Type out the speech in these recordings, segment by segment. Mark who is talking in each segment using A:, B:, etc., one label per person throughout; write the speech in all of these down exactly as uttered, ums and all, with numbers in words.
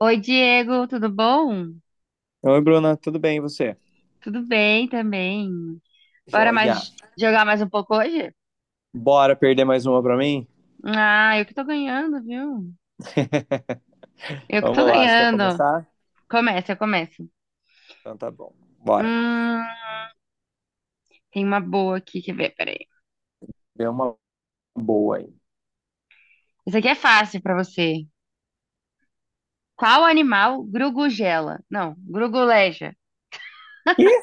A: Oi, Diego, tudo bom?
B: Oi, Bruna, tudo bem e você?
A: Tudo bem também. Bora
B: Joia.
A: mais jogar mais um pouco hoje?
B: Bora perder mais uma pra mim?
A: Ah, eu que tô ganhando, viu? Eu que tô
B: Vamos lá, você quer
A: ganhando.
B: começar?
A: Começa, eu começo.
B: Então tá bom, bora.
A: Hum, Tem uma boa aqui, quer ver? Peraí.
B: Deu uma boa aí.
A: Isso aqui é fácil pra você. Qual animal grugugela? Não, gruguleja.
B: Ih!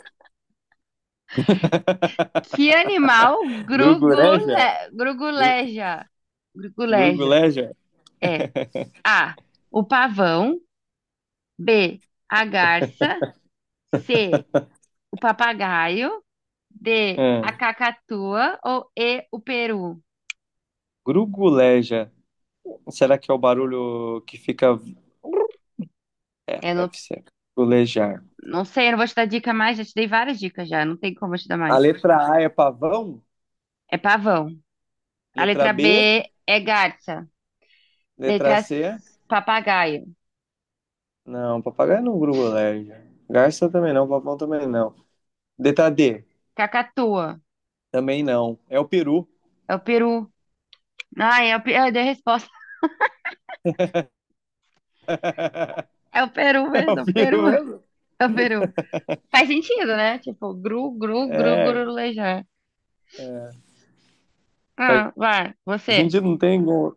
A: Que animal
B: Gruguleja?
A: grugule...
B: Gru-
A: gruguleja? Gruguleja.
B: Gruguleja?
A: É. A. O pavão. B. A garça. C. O papagaio. D, a
B: Hum,
A: cacatua ou E, o peru?
B: Gruguleja. Será que é o barulho que fica. É,
A: Eu não,
B: deve ser. Grugulejar.
A: não sei, eu não vou te dar dica mais, já te dei várias dicas já, não tem como eu te dar
B: A
A: mais.
B: letra A é pavão?
A: É pavão. A
B: Letra
A: letra
B: B?
A: B é garça.
B: Letra
A: Letra C,
B: C?
A: papagaio.
B: Não, papagaio não gruda alérgico. Garça também não, papão também não. D T D
A: Cacatua.
B: também não. É o peru.
A: É o peru. Ai, é o, pe- eu dei a resposta. É o peru
B: É o
A: mesmo, é o peru.
B: peru mesmo?
A: É o peru. Faz sentido, né? Tipo, gru, gru, gru,
B: É.
A: gurulejar.
B: Mas
A: Ah, vai,
B: a
A: você.
B: gente não tem. Como-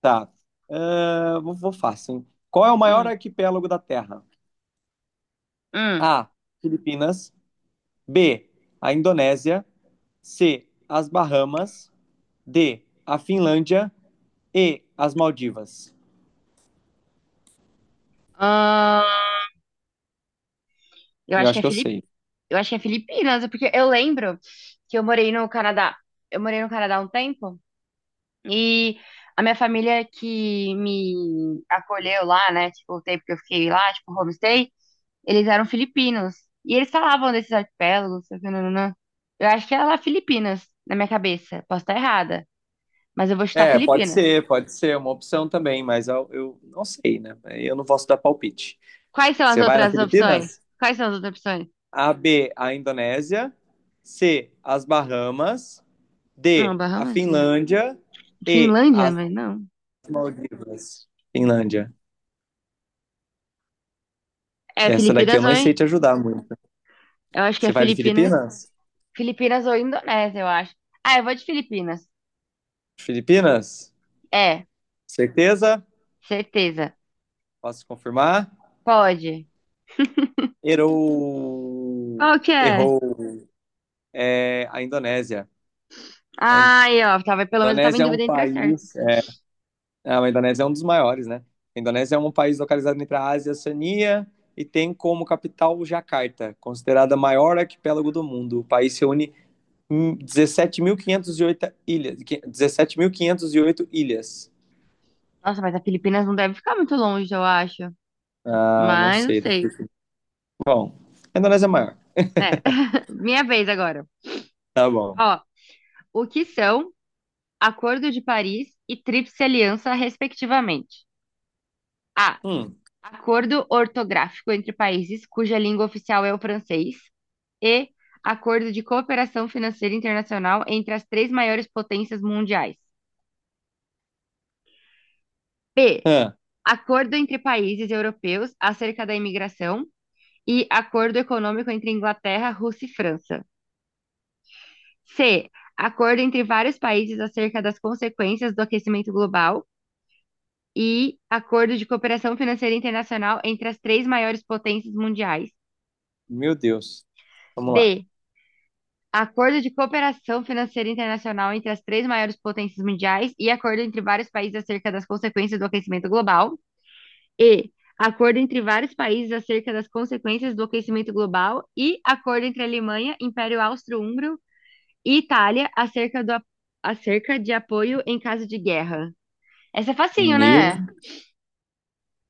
B: Tá. Ah, vou, vou fácil, hein? Qual é o maior
A: Hum,
B: arquipélago da Terra?
A: hum.
B: A. Filipinas. B. A Indonésia. C. As Bahamas. D. A Finlândia. E. As Maldivas.
A: Ah, eu
B: Eu
A: acho que
B: acho
A: é
B: que eu
A: Felipe.
B: sei.
A: Eu acho que é Filipinas, porque eu lembro que eu morei no Canadá. Eu morei no Canadá um tempo e a minha família que me acolheu lá, né? Tipo, o tempo que eu fiquei lá, tipo, homestay, eles eram filipinos. E eles falavam desses arquipélagos, sei o que, nananã. Eu acho que era lá Filipinas, na minha cabeça. Posso estar errada, mas eu vou chutar
B: É, pode
A: Filipinas.
B: ser, pode ser uma opção também, mas eu, eu não sei, né? Eu não posso dar palpite.
A: Quais são as
B: Você vai nas
A: outras opções?
B: Filipinas?
A: Quais são as outras opções?
B: A, B, a Indonésia. C, as Bahamas. D,
A: Não,
B: a
A: Bahamas não.
B: Finlândia. E,
A: Finlândia,
B: as
A: mas não.
B: Maldivas. Finlândia.
A: É
B: Essa daqui eu
A: Filipinas
B: não
A: oi.
B: sei te ajudar muito.
A: Eu acho que é
B: Você vai de
A: Filipinas.
B: Filipinas?
A: Filipinas ou Indonésia, eu acho. Ah, eu vou de Filipinas.
B: Filipinas?
A: É,
B: Certeza?
A: certeza.
B: Posso confirmar?
A: Pode.
B: Errou.
A: Qual que é?
B: Errou. É a Indonésia. A
A: Ai, ó, tava, pelo menos eu tava em
B: Indonésia é um
A: dúvida entre as certas.
B: país. Ah, a Indonésia é um dos maiores, né? A Indonésia é um país localizado entre a Ásia e a Oceania e tem como capital Jacarta, considerada a maior arquipélago do mundo. O país reúne hum, dezessete mil quinhentas e oito ilhas. dezessete mil quinhentas e oito ilhas.
A: Nossa, mas a Filipinas não deve ficar muito longe, eu acho.
B: Ah, não
A: Mas não
B: sei. Daqui-
A: sei.
B: Bom, a Indonésia é maior.
A: É, minha vez agora.
B: Tá bom.
A: Ó, o que são Acordo de Paris e Tríplice Aliança, respectivamente? A.
B: Hum,
A: Acordo ortográfico entre países cuja língua oficial é o francês, e Acordo de Cooperação Financeira Internacional entre as três maiores potências mundiais. B.
B: ah,
A: Acordo entre países europeus acerca da imigração e Acordo Econômico entre Inglaterra, Rússia e França. C. Acordo entre vários países acerca das consequências do aquecimento global e Acordo de Cooperação Financeira Internacional entre as três maiores potências mundiais.
B: meu Deus. Vamos lá.
A: D. Acordo de cooperação financeira internacional entre as três maiores potências mundiais e acordo entre vários países acerca das consequências do aquecimento global. E, acordo entre vários países acerca das consequências do aquecimento global e acordo entre Alemanha, Império Austro-Húngaro e Itália acerca do, a- acerca de apoio em caso de guerra. Essa é facinho,
B: Meu,
A: né?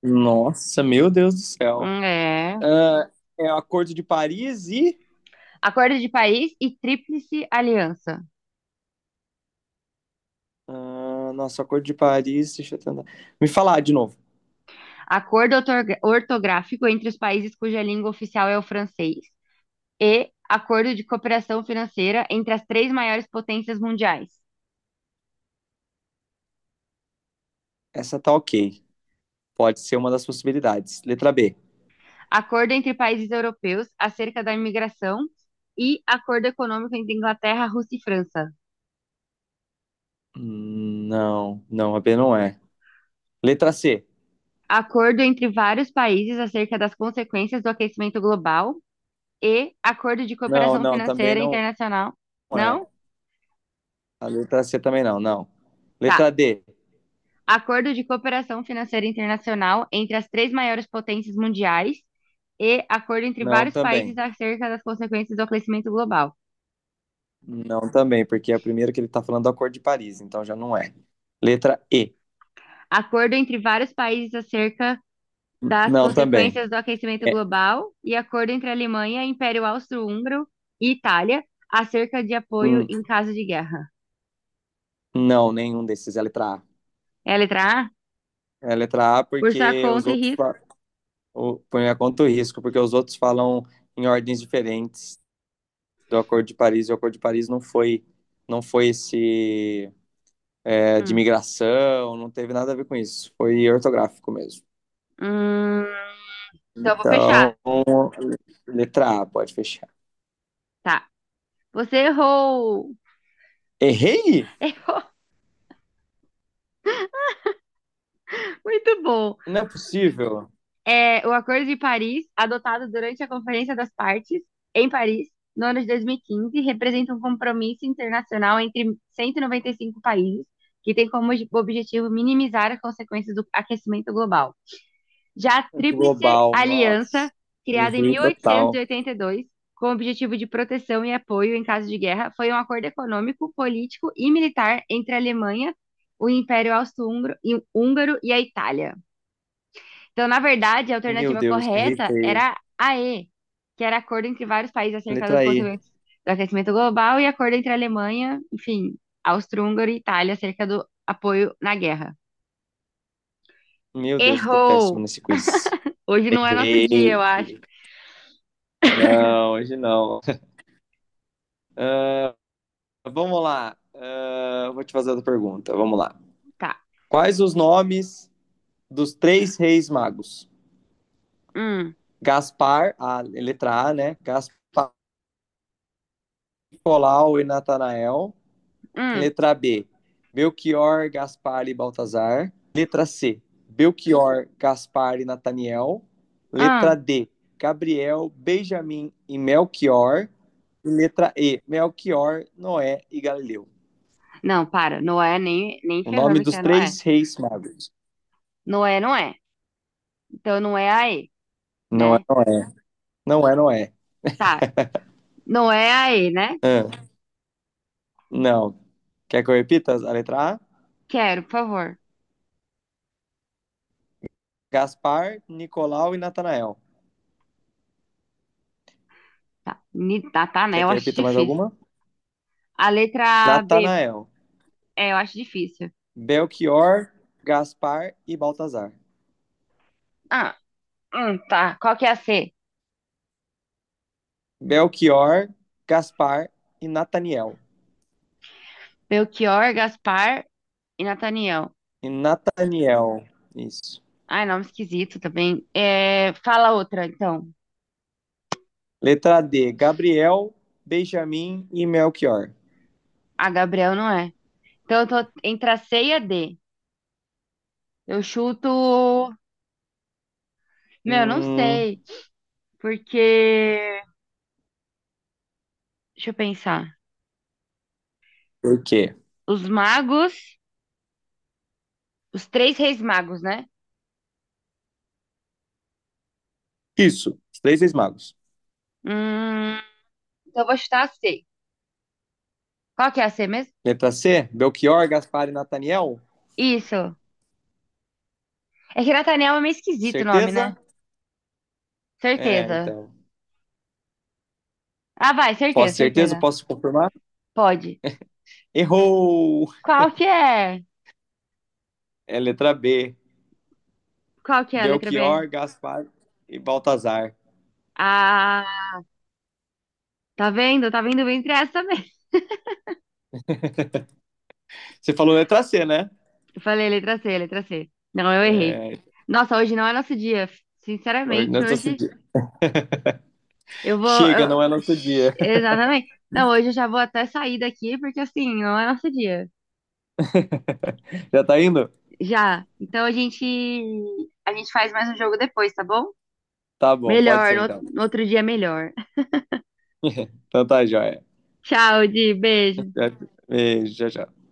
B: nossa, meu Deus do céu.
A: Hum, é.
B: Ah, é o Acordo de Paris e
A: Acordo de país e tríplice aliança.
B: Ah, nossa, Acordo de Paris, deixa eu tentar. Me falar de novo.
A: Acordo ortorga- ortográfico entre os países cuja língua oficial é o francês, e Acordo de Cooperação Financeira entre as três maiores potências mundiais.
B: Essa tá ok. Pode ser uma das possibilidades. Letra B.
A: Acordo entre países europeus acerca da imigração e Acordo Econômico entre Inglaterra, Rússia e França.
B: Hum, Não, não, a B não é. Letra C.
A: Acordo entre vários países acerca das consequências do aquecimento global e Acordo de
B: Não,
A: Cooperação
B: não, também
A: Financeira
B: não
A: Internacional. Não?
B: é. A letra C também não, não.
A: Tá.
B: Letra D.
A: Acordo de Cooperação Financeira Internacional entre as três maiores potências mundiais e acordo entre
B: Não,
A: vários países
B: também.
A: acerca das consequências do aquecimento global.
B: Não, também, porque é a primeira que ele tá falando do Acordo de Paris, então já não é. Letra E.
A: Acordo entre vários países acerca das
B: Não, também.
A: consequências do aquecimento
B: É,
A: global e acordo entre Alemanha, Império Austro-Húngaro e Itália acerca de apoio
B: hum,
A: em caso de guerra.
B: não, nenhum desses é a letra A.
A: É a letra A?
B: É a letra A
A: Por sua
B: porque os
A: conta e
B: outros
A: risco.
B: o- por minha conta o risco, porque os outros falam em ordens diferentes do Acordo de Paris, e o Acordo de Paris não foi, não foi esse é, de
A: Hum.
B: migração, não teve nada a ver com isso, foi ortográfico mesmo.
A: Hum, então eu vou
B: Então,
A: fechar.
B: letra A, pode fechar.
A: Tá. Você errou!
B: Errei?
A: Errou! Muito bom.
B: Não é possível.
A: É o Acordo de Paris, adotado durante a Conferência das Partes, em Paris, no ano de dois mil e quinze, representa um compromisso internacional entre cento e noventa e cinco países, que tem como ob- objetivo minimizar as consequências do aquecimento global. Já a Tríplice
B: Global,
A: Aliança,
B: nossa,
A: criada em
B: errei total.
A: mil oitocentos e oitenta e dois, com o objetivo de proteção e apoio em caso de guerra, foi um acordo econômico, político e militar entre a Alemanha, o Império Austro-Húngaro e a Itália. Então, na verdade, a
B: Meu
A: alternativa
B: Deus, errei
A: correta
B: feio.
A: era a E, que era acordo entre vários países acerca das
B: Letra E.
A: consequências do aquecimento global e acordo entre a Alemanha, enfim, Áustria, Hungria e Itália acerca do apoio na guerra.
B: Meu Deus, eu tô péssimo
A: Errou!
B: nesse quiz.
A: Hoje não é nosso dia, eu
B: Errei.
A: acho.
B: Não, hoje não. Ah, Vamos lá. Ah, vou te fazer outra pergunta. Vamos lá.
A: Tá.
B: Quais os nomes dos três reis magos?
A: Hum,
B: Gaspar, a letra A, né? Gaspar, Nicolau e Natanael.
A: hum,
B: Letra B, Belchior, Gaspar e Baltazar. Letra C, Belchior, Gaspar e Nataniel. Letra
A: hum.
B: D, Gabriel, Benjamin e Melchior. E letra E, Melchior, Noé e Galileu.
A: Não, para. Noé nem, nem
B: O nome
A: ferrando que
B: dos
A: é Noé.
B: três reis magos.
A: Noé não é. Então não é a E,
B: Não é
A: né?
B: Noé. Não é Noé.
A: Tá. Não é a E, né?
B: Ah, não. Quer que eu repita a letra A?
A: Quero, por favor.
B: Gaspar, Nicolau e Natanael.
A: Tá, Ni- tá, tá, né?
B: Quer
A: Eu
B: que eu
A: acho
B: repita mais
A: difícil.
B: alguma?
A: A letra B,
B: Natanael,
A: é, eu acho difícil.
B: Belchior, Gaspar e Baltazar.
A: Ah, hum, tá. Qual que é a C?
B: Belchior, Gaspar e Nataniel.
A: Belchior, Gaspar e Nathaniel.
B: E Nataniel, isso.
A: Ai, nome esquisito também. É, fala outra, então.
B: Letra D, Gabriel, Benjamin e Melchior.
A: A Gabriel não é. Então eu tô entre a C e a D. Eu chuto. Meu, não
B: Hum,
A: sei. Porque. Deixa eu pensar.
B: por quê?
A: Os magos. Os três reis magos, né?
B: Isso, os três ex-magos.
A: Hum, então eu vou chutar a C. Qual que é a C mesmo?
B: Letra C, Belchior, Gaspar e Nataniel.
A: Isso. É que Nathaniel é meio esquisito o nome, né?
B: Certeza? É,
A: Certeza.
B: então.
A: Ah, vai, certeza,
B: Posso certeza?
A: certeza.
B: Posso confirmar?
A: Pode.
B: Errou!
A: Qual que é?
B: É letra B.
A: Qual que é a letra B?
B: Belchior, Gaspar e Baltazar.
A: Ah, tá vendo? Tá vendo entre essa mesmo.
B: Você falou letra C, né?
A: Eu falei letra C, letra C. Não, eu errei.
B: É,
A: Nossa, hoje não é nosso dia.
B: hoje não
A: Sinceramente,
B: é nosso
A: hoje
B: dia.
A: eu vou.
B: Chega,
A: eu-
B: não é nosso
A: Shhh,
B: dia.
A: exatamente. Não, hoje eu já vou até sair daqui, porque assim, não é nosso dia.
B: Já tá indo?
A: Já. Então a gente. A gente faz mais um jogo depois, tá bom?
B: Tá bom, pode
A: Melhor,
B: ser
A: no,
B: então.
A: no outro dia melhor.
B: Então tá, joia.
A: Tchau, Di. Beijo.
B: Já- Beijo, tchau, tchau.